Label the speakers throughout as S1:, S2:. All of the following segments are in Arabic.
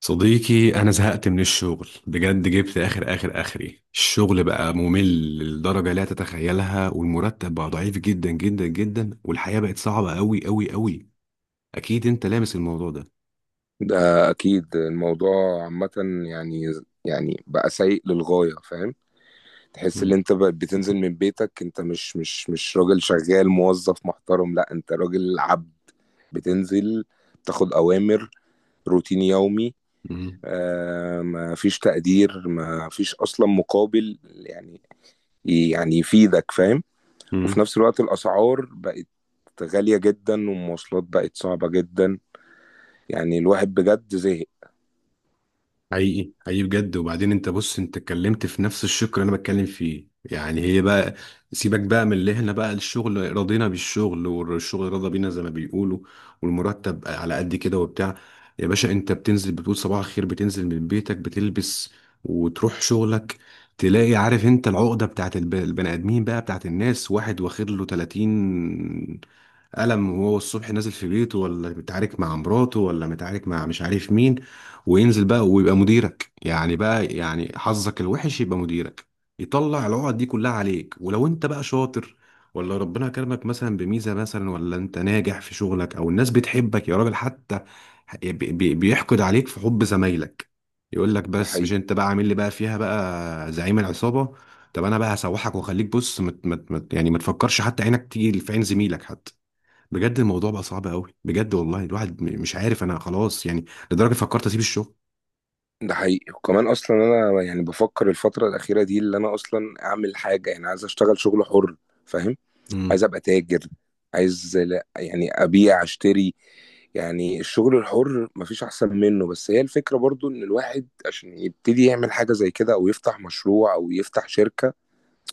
S1: صديقي، أنا زهقت من الشغل بجد، جبت آخر آخر آخري. الشغل بقى ممل للدرجة لا تتخيلها، والمرتب بقى ضعيف جدا جدا جدا، والحياة بقت صعبة أوي أوي أوي. أكيد أنت لامس الموضوع ده.
S2: ده اكيد الموضوع عامه. يعني يعني بقى سيء للغايه، فاهم؟ تحس ان
S1: مم.
S2: انت بقى بتنزل من بيتك، انت مش راجل شغال موظف محترم، لا انت راجل عبد. بتنزل، تاخد اوامر، روتين يومي.
S1: مم.
S2: آه، ما فيش تقدير، ما فيش اصلا مقابل، يعني يفيدك، فاهم؟ وفي
S1: مم.
S2: نفس الوقت الاسعار بقت غاليه جدا، والمواصلات بقت صعبه جدا. يعني الواحد بجد زهق.
S1: حقيقي حقيقي بجد. وبعدين انت بص، انت اتكلمت في نفس الشق اللي انا بتكلم فيه، يعني هي بقى، سيبك بقى من اللي احنا بقى الشغل راضينا بالشغل والشغل راضى بينا زي ما بيقولوا، والمرتب على قد كده وبتاع. يا باشا، انت بتنزل بتقول صباح الخير، بتنزل من بيتك، بتلبس وتروح شغلك، تلاقي، عارف انت العقدة بتاعت البني ادمين بقى، بتاعت الناس، واحد واخد له 30 قلم، وهو الصبح نازل في بيته، ولا متعارك مع مراته ولا متعارك مع مش عارف مين، وينزل بقى ويبقى مديرك، يعني بقى، يعني حظك الوحش يبقى مديرك، يطلع العقد دي كلها عليك. ولو انت بقى شاطر، ولا ربنا كرمك مثلا بميزة مثلا، ولا انت ناجح في شغلك، او الناس بتحبك، يا راجل، حتى بيحقد عليك في حب زمايلك، يقول لك
S2: ده
S1: بس مش
S2: حقيقي.
S1: انت بقى عامل لي بقى فيها بقى زعيم العصابة. طب انا بقى هسوحك واخليك، بص، مت مت مت، يعني ما تفكرش حتى عينك تيجي في عين زميلك حتى. بجد الموضوع بقى صعب قوي بجد، والله الواحد مش عارف، انا خلاص يعني لدرجه فكرت اسيب الشغل.
S2: ده حقيقي، وكمان اصلا انا يعني بفكر الفتره الاخيره دي اللي انا اصلا اعمل حاجه، يعني عايز اشتغل شغل حر، فاهم؟ عايز
S1: امم.
S2: ابقى تاجر، عايز لا يعني ابيع اشتري. يعني الشغل الحر مفيش احسن منه، بس هي الفكره برضو ان الواحد عشان يبتدي يعمل حاجه زي كده، او يفتح مشروع، او يفتح شركه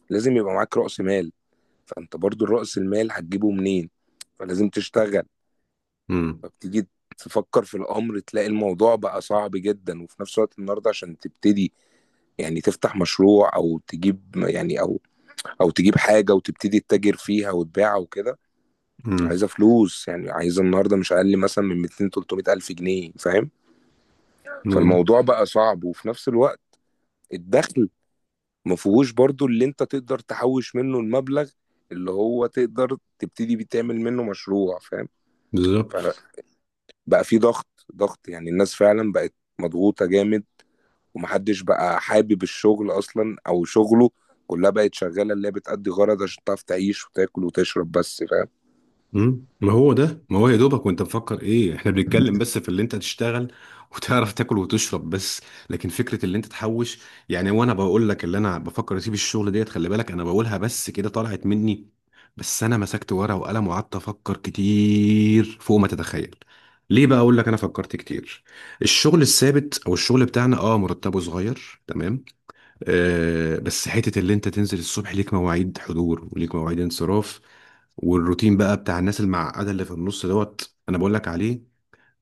S2: لازم يبقى معاك رأس مال. فانت برضو رأس المال هتجيبه منين؟ فلازم تشتغل.
S1: امم.
S2: فبتيجي تفكر في الامر، تلاقي الموضوع بقى صعب جدا. وفي نفس الوقت النهارده عشان تبتدي يعني تفتح مشروع او تجيب، يعني او تجيب حاجه وتبتدي تتاجر فيها وتبيعها وكده، عايزه فلوس. يعني عايزه النهارده مش اقل مثلا من 200 300 الف جنيه، فاهم؟
S1: امم.
S2: فالموضوع بقى صعب. وفي نفس الوقت الدخل ما فيهوش برضو اللي انت تقدر تحوش منه المبلغ، اللي هو تقدر تبتدي بيه تعمل منه مشروع، فاهم؟
S1: بالظبط.
S2: فبقى في ضغط ضغط، يعني الناس فعلا بقت مضغوطه جامد، ومحدش بقى حابب الشغل أصلا أو شغله. كلها بقت شغالة اللي هي بتأدي غرض عشان تعرف تعيش وتاكل وتشرب بس، فاهم؟
S1: مم. ما هو ده، ما هو يا دوبك، وانت مفكر ايه؟ احنا بنتكلم بس في اللي انت تشتغل وتعرف تاكل وتشرب بس، لكن فكره اللي انت تحوش، يعني. وانا بقول لك اللي انا بفكر اسيب الشغل ديت، خلي بالك انا بقولها بس كده طلعت مني، بس انا مسكت ورقه وقلم وقعدت افكر كتير فوق ما تتخيل. ليه بقى؟ اقول لك، انا فكرت كتير. الشغل الثابت او الشغل بتاعنا، اه، مرتبه صغير تمام. آه، بس حتة اللي انت تنزل الصبح ليك مواعيد حضور وليك مواعيد انصراف، والروتين بقى بتاع الناس المعقدة اللي في النص دوت انا بقول لك عليه.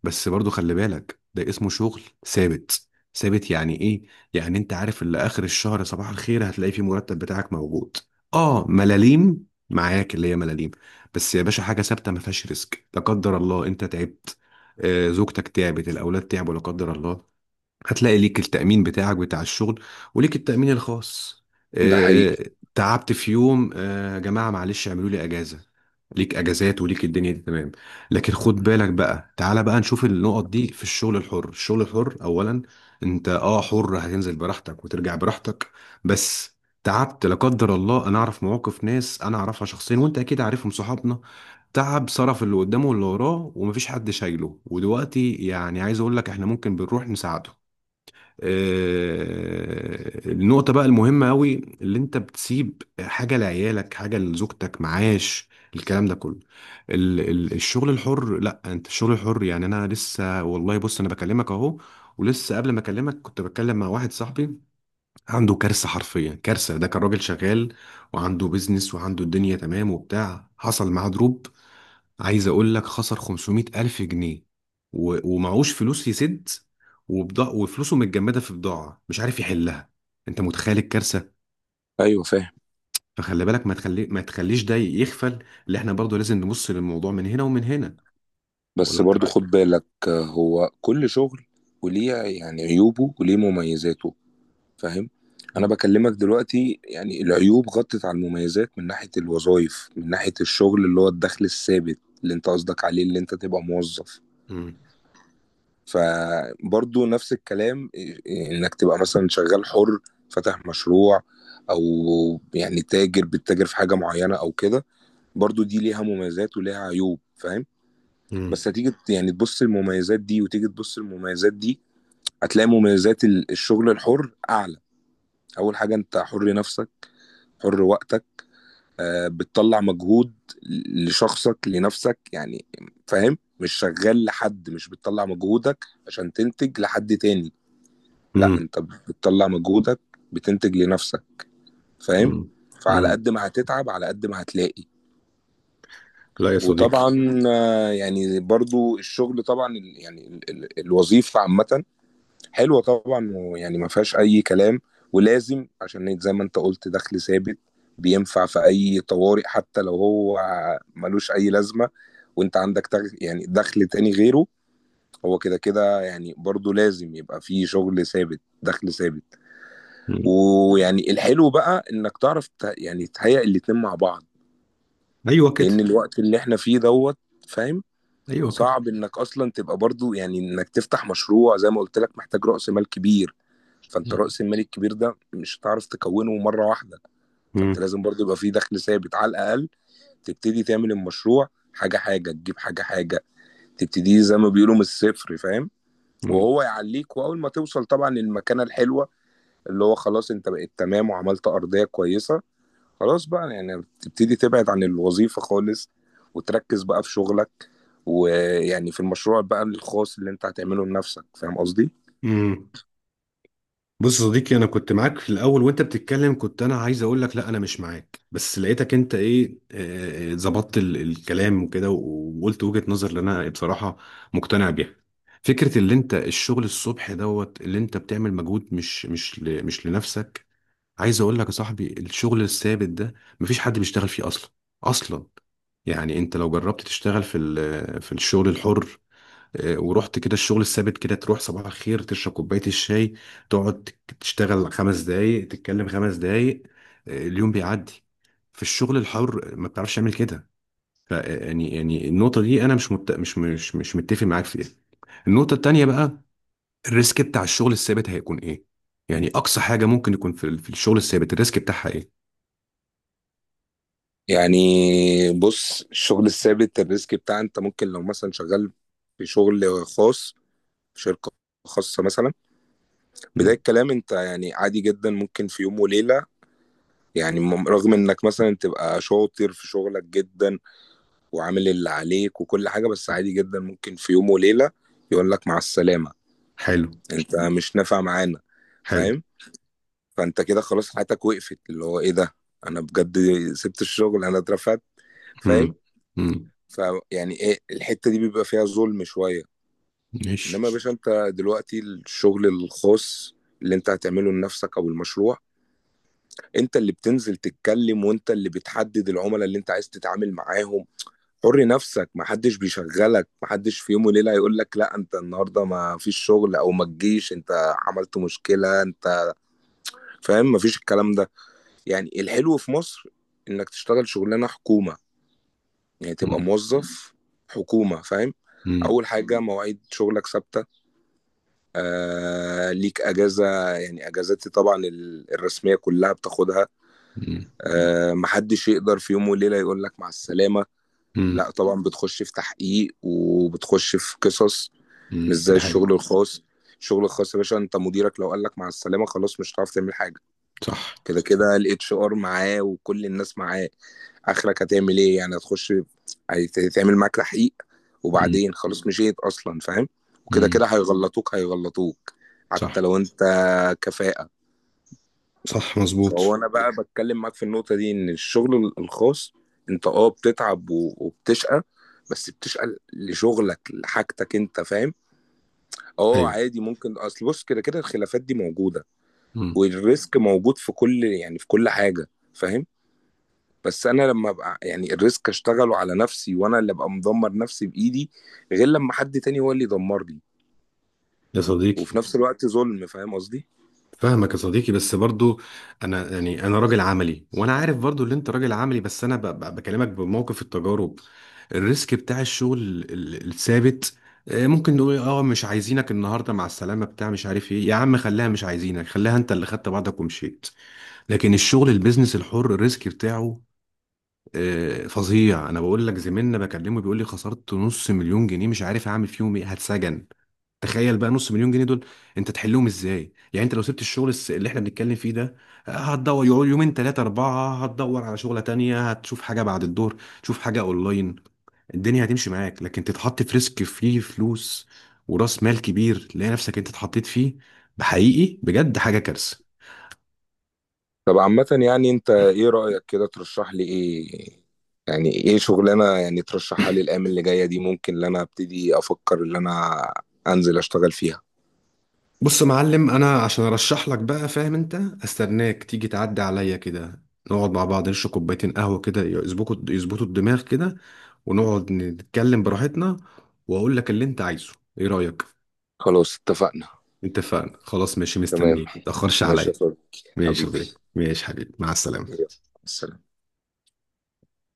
S1: بس برضو خلي بالك ده اسمه شغل ثابت. ثابت يعني ايه؟ يعني انت عارف اللي اخر الشهر صباح الخير هتلاقي فيه مرتب بتاعك موجود. اه، ملاليم معاك اللي هي ملاليم، بس يا باشا حاجة ثابتة ما فيهاش ريسك. لا قدر الله انت تعبت، آه، زوجتك تعبت، الاولاد تعبوا لا قدر الله، هتلاقي ليك التأمين بتاعك بتاع الشغل، وليك التأمين الخاص.
S2: ده
S1: اه.
S2: حقيقي.
S1: تعبت في يوم، آه، يا جماعة معلش اعملوا لي أجازة، ليك أجازات وليك الدنيا دي تمام. لكن خد بالك بقى، تعالى بقى نشوف النقط دي في الشغل الحر. الشغل الحر أولا، أنت أه حر، هتنزل براحتك وترجع براحتك، بس تعبت لا قدر الله. أنا أعرف مواقف ناس أنا أعرفها شخصيا، وأنت أكيد عارفهم، صحابنا، تعب، صرف اللي قدامه واللي وراه، ومفيش حد شايله، ودلوقتي يعني عايز أقول لك إحنا ممكن بنروح نساعده. آه، النقطة بقى المهمة أوي، اللي أنت بتسيب حاجة لعيالك، حاجة لزوجتك، معاش، الكلام ده كله. ال الشغل الحر، لا أنت الشغل الحر، يعني أنا لسه والله، بص أنا بكلمك أهو، ولسه قبل ما أكلمك كنت بتكلم مع واحد صاحبي، عنده كارثة، حرفيا كارثة. ده كان راجل شغال وعنده بيزنس وعنده الدنيا تمام وبتاع، حصل معاه دروب، عايز اقول لك خسر 500 الف جنيه، ومعهوش فلوس يسد، وبضاع وفلوسه متجمده في بضاعه مش عارف يحلها. انت متخيل الكارثه؟
S2: أيوة فاهم.
S1: فخلي بالك، ما تخليش ده يغفل، اللي احنا برضو لازم نبص للموضوع من هنا ومن هنا.
S2: بس
S1: ولا انت
S2: برضو خد
S1: رايك؟
S2: بالك، آه، هو كل شغل وليه يعني عيوبه وليه مميزاته، فاهم؟ أنا
S1: مم.
S2: بكلمك دلوقتي يعني العيوب غطت على المميزات، من ناحية الوظائف، من ناحية الشغل اللي هو الدخل الثابت اللي انت قصدك عليه اللي انت تبقى موظف.
S1: مم.
S2: فبرضو نفس الكلام إيه، انك تبقى مثلا شغال حر، فاتح مشروع، او يعني تاجر بتتاجر في حاجة معينة او كده. برضو دي ليها مميزات وليها عيوب، فاهم؟
S1: مم.
S2: بس هتيجي يعني تبص المميزات دي وتيجي تبص المميزات دي، هتلاقي مميزات الشغل الحر اعلى. اول حاجة انت حر نفسك، حر وقتك. آه، بتطلع مجهود لشخصك لنفسك يعني، فاهم؟ مش شغال لحد، مش بتطلع مجهودك عشان تنتج لحد تاني. لا
S1: مم.
S2: انت بتطلع مجهودك بتنتج لنفسك، فاهم؟
S1: مم.
S2: فعلى
S1: مم.
S2: قد ما هتتعب على قد ما هتلاقي.
S1: لا يا صديقي.
S2: وطبعا آه، يعني برضو الشغل طبعا الوظيفة عامة حلوة طبعا، ويعني ما فيهاش أي كلام. ولازم عشان إيه؟ زي ما انت قلت دخل ثابت بينفع في أي طوارئ، حتى لو هو ملوش أي لازمة وانت عندك يعني دخل تاني غيره. هو كده كده يعني برضو لازم يبقى فيه شغل ثابت، دخل ثابت.
S1: مم.
S2: ويعني الحلو بقى انك تعرف يعني تهيئ الاتنين مع بعض.
S1: ايوه كده.
S2: لان الوقت اللي احنا فيه دوت، فاهم؟
S1: ايوه كده.
S2: صعب انك اصلا تبقى برضو يعني انك تفتح مشروع زي ما قلت لك محتاج رأس مال كبير. فانت رأس المال الكبير ده مش هتعرف تكونه مرة واحدة. فانت
S1: مم.
S2: لازم برضو يبقى فيه دخل ثابت على الاقل تبتدي تعمل المشروع، حاجة حاجة، تجيب حاجة حاجة، تبتدي زي ما بيقولوا من الصفر، فاهم؟
S1: مم.
S2: وهو يعليك، واول ما توصل طبعا للمكانة الحلوة اللي هو خلاص انت بقيت تمام وعملت ارضية كويسة، خلاص بقى يعني تبتدي تبعد عن الوظيفة خالص وتركز بقى في شغلك، ويعني في المشروع بقى الخاص اللي انت هتعمله لنفسك، فاهم قصدي؟
S1: مم. بص يا صديقي، انا كنت معاك في الاول وانت بتتكلم، كنت انا عايز اقول لك لا انا مش معاك، بس لقيتك انت ايه، آه، ظبطت الكلام وكده، وقلت وجهة نظر اللي انا بصراحة مقتنع بيها. فكرة اللي انت الشغل الصبح دوت، اللي انت بتعمل مجهود مش لنفسك. عايز اقول لك يا صاحبي، الشغل الثابت ده مفيش حد بيشتغل فيه اصلا، اصلا. يعني انت لو جربت تشتغل في في الشغل الحر، آه، ورحت كده الشغل الثابت كده، تروح صباح الخير تشرب كوباية الشاي، تقعد تشتغل خمس دقايق، تتكلم خمس دقايق، آه، اليوم بيعدي. في الشغل الحر ما بتعرفش تعمل كده. آه، يعني النقطة دي أنا مش مت... مش مش مش متفق معاك فيها. النقطة التانية بقى، الريسك بتاع الشغل الثابت هيكون إيه؟ يعني أقصى حاجة ممكن يكون في, في الشغل الثابت، الريسك بتاعها إيه؟
S2: يعني بص الشغل الثابت الريسك بتاع انت ممكن لو مثلا شغال في شغل خاص، في شركة خاصة مثلا. بداية
S1: مم.
S2: الكلام انت يعني عادي جدا ممكن في يوم وليلة، يعني رغم انك مثلا تبقى شاطر في شغلك جدا وعامل اللي عليك وكل حاجة، بس عادي جدا ممكن في يوم وليلة يقول لك مع السلامة.
S1: حلو.
S2: انت مش نافع معانا،
S1: حلو.
S2: فاهم؟ فانت كده خلاص حياتك وقفت، اللي هو ايه ده، انا بجد سبت الشغل، انا اترفدت، فاهم؟
S1: مم. مم.
S2: فيعني ايه، الحتة دي بيبقى فيها ظلم شوية. انما يا
S1: ماشي.
S2: باشا انت دلوقتي الشغل الخاص اللي انت هتعمله لنفسك او المشروع، انت اللي بتنزل تتكلم وانت اللي بتحدد العملاء اللي انت عايز تتعامل معاهم. حر نفسك، محدش بيشغلك، محدش في يوم وليلة هيقول لك لا انت النهارده ما فيش شغل، او ما تجيش انت عملت مشكلة انت، فاهم؟ مفيش الكلام ده. يعني الحلو في مصر انك تشتغل شغلانه حكومه، يعني تبقى
S1: مم.
S2: موظف حكومه، فاهم؟
S1: مم.
S2: اول حاجه مواعيد شغلك ثابته. آه ليك اجازه، يعني اجازاتي طبعا الرسميه كلها بتاخدها.
S1: مم.
S2: آه محدش يقدر في يوم وليله يقول لك مع السلامه.
S1: مم.
S2: لا طبعا بتخش في تحقيق وبتخش في قصص. مش
S1: مم.
S2: زي
S1: ده
S2: الشغل
S1: حقيقي.
S2: الخاص. الشغل الخاص يا باشا انت مديرك لو قال لك مع السلامه خلاص مش هتعرف تعمل حاجه.
S1: صح.
S2: كده
S1: صح.
S2: كده الاتش ار معاه وكل الناس معاه. اخرك هتعمل ايه؟ يعني هتخش، هيتعمل معاك تحقيق،
S1: مم.
S2: وبعدين خلاص مشيت اصلا، فاهم؟ وكده
S1: مم.
S2: كده هيغلطوك هيغلطوك حتى
S1: صح.
S2: لو انت كفاءة.
S1: صح
S2: فهو
S1: مظبوط.
S2: انا بقى بتكلم معاك في النقطة دي ان الشغل الخاص انت اه بتتعب وبتشقى، بس بتشقى لشغلك لحاجتك انت، فاهم؟ اه
S1: ايوه.
S2: عادي ممكن، اصل بص كده كده الخلافات دي موجودة،
S1: مم.
S2: والريسك موجود في كل يعني في كل حاجة، فاهم؟ بس انا لما ابقى يعني الريسك اشتغله على نفسي وانا اللي ابقى مدمر نفسي بايدي، غير لما حد تاني هو اللي يدمر لي
S1: يا
S2: وفي
S1: صديقي.
S2: نفس الوقت ظلم، فاهم قصدي؟
S1: فاهمك يا صديقي، بس برضو انا يعني انا راجل عملي، وانا عارف برضو ان انت راجل عملي، بس انا بكلمك بموقف التجارب. الريسك بتاع الشغل الثابت، آه، ممكن نقول إيه، اه، مش عايزينك النهارده مع السلامه بتاع مش عارف ايه يا عم، خليها مش عايزينك، خليها انت اللي خدت بعضك ومشيت. لكن الشغل البيزنس الحر، الريسك بتاعه آه، فظيع. انا بقول لك زميلنا بكلمه بيقول لي خسرت نص مليون جنيه، مش عارف اعمل فيهم ايه، هتسجن. تخيل بقى نص مليون جنيه دول، انت تحلهم ازاي؟ يعني انت لو سبت الشغل اللي احنا بنتكلم فيه ده، آه، هتدور، يقعد يومين 3 4 هتدور على شغلة تانية، هتشوف حاجة بعد الظهر، تشوف حاجة اونلاين، الدنيا هتمشي معاك، لكن تتحط في ريسك فيه فلوس ورأس مال كبير، تلاقي نفسك انت اتحطيت فيه. بحقيقي بجد حاجة كارثة.
S2: طب عامة يعني انت ايه رأيك كده؟ ترشح لي ايه؟ يعني ايه شغلانة يعني ترشحها لي الايام اللي جاية دي ممكن ان انا ابتدي افكر ان انا انزل اشتغل فيها.
S1: بص يا معلم، انا عشان ارشح لك بقى، فاهم انت، استناك تيجي تعدي عليا كده، نقعد مع بعض، نشرب كوبايتين قهوه كده، يظبطوا يظبطوا الدماغ كده، ونقعد نتكلم براحتنا، واقول لك اللي انت عايزه. ايه رايك؟
S2: خلاص اتفقنا.
S1: اتفقنا خلاص ماشي،
S2: تمام.
S1: مستنيك، متاخرش
S2: ماشي يا
S1: عليا.
S2: صديقي
S1: ماشي يا
S2: حبيبي.
S1: صديقي، ماشي حبيبي، مع
S2: يلا،
S1: السلامه.
S2: سلام.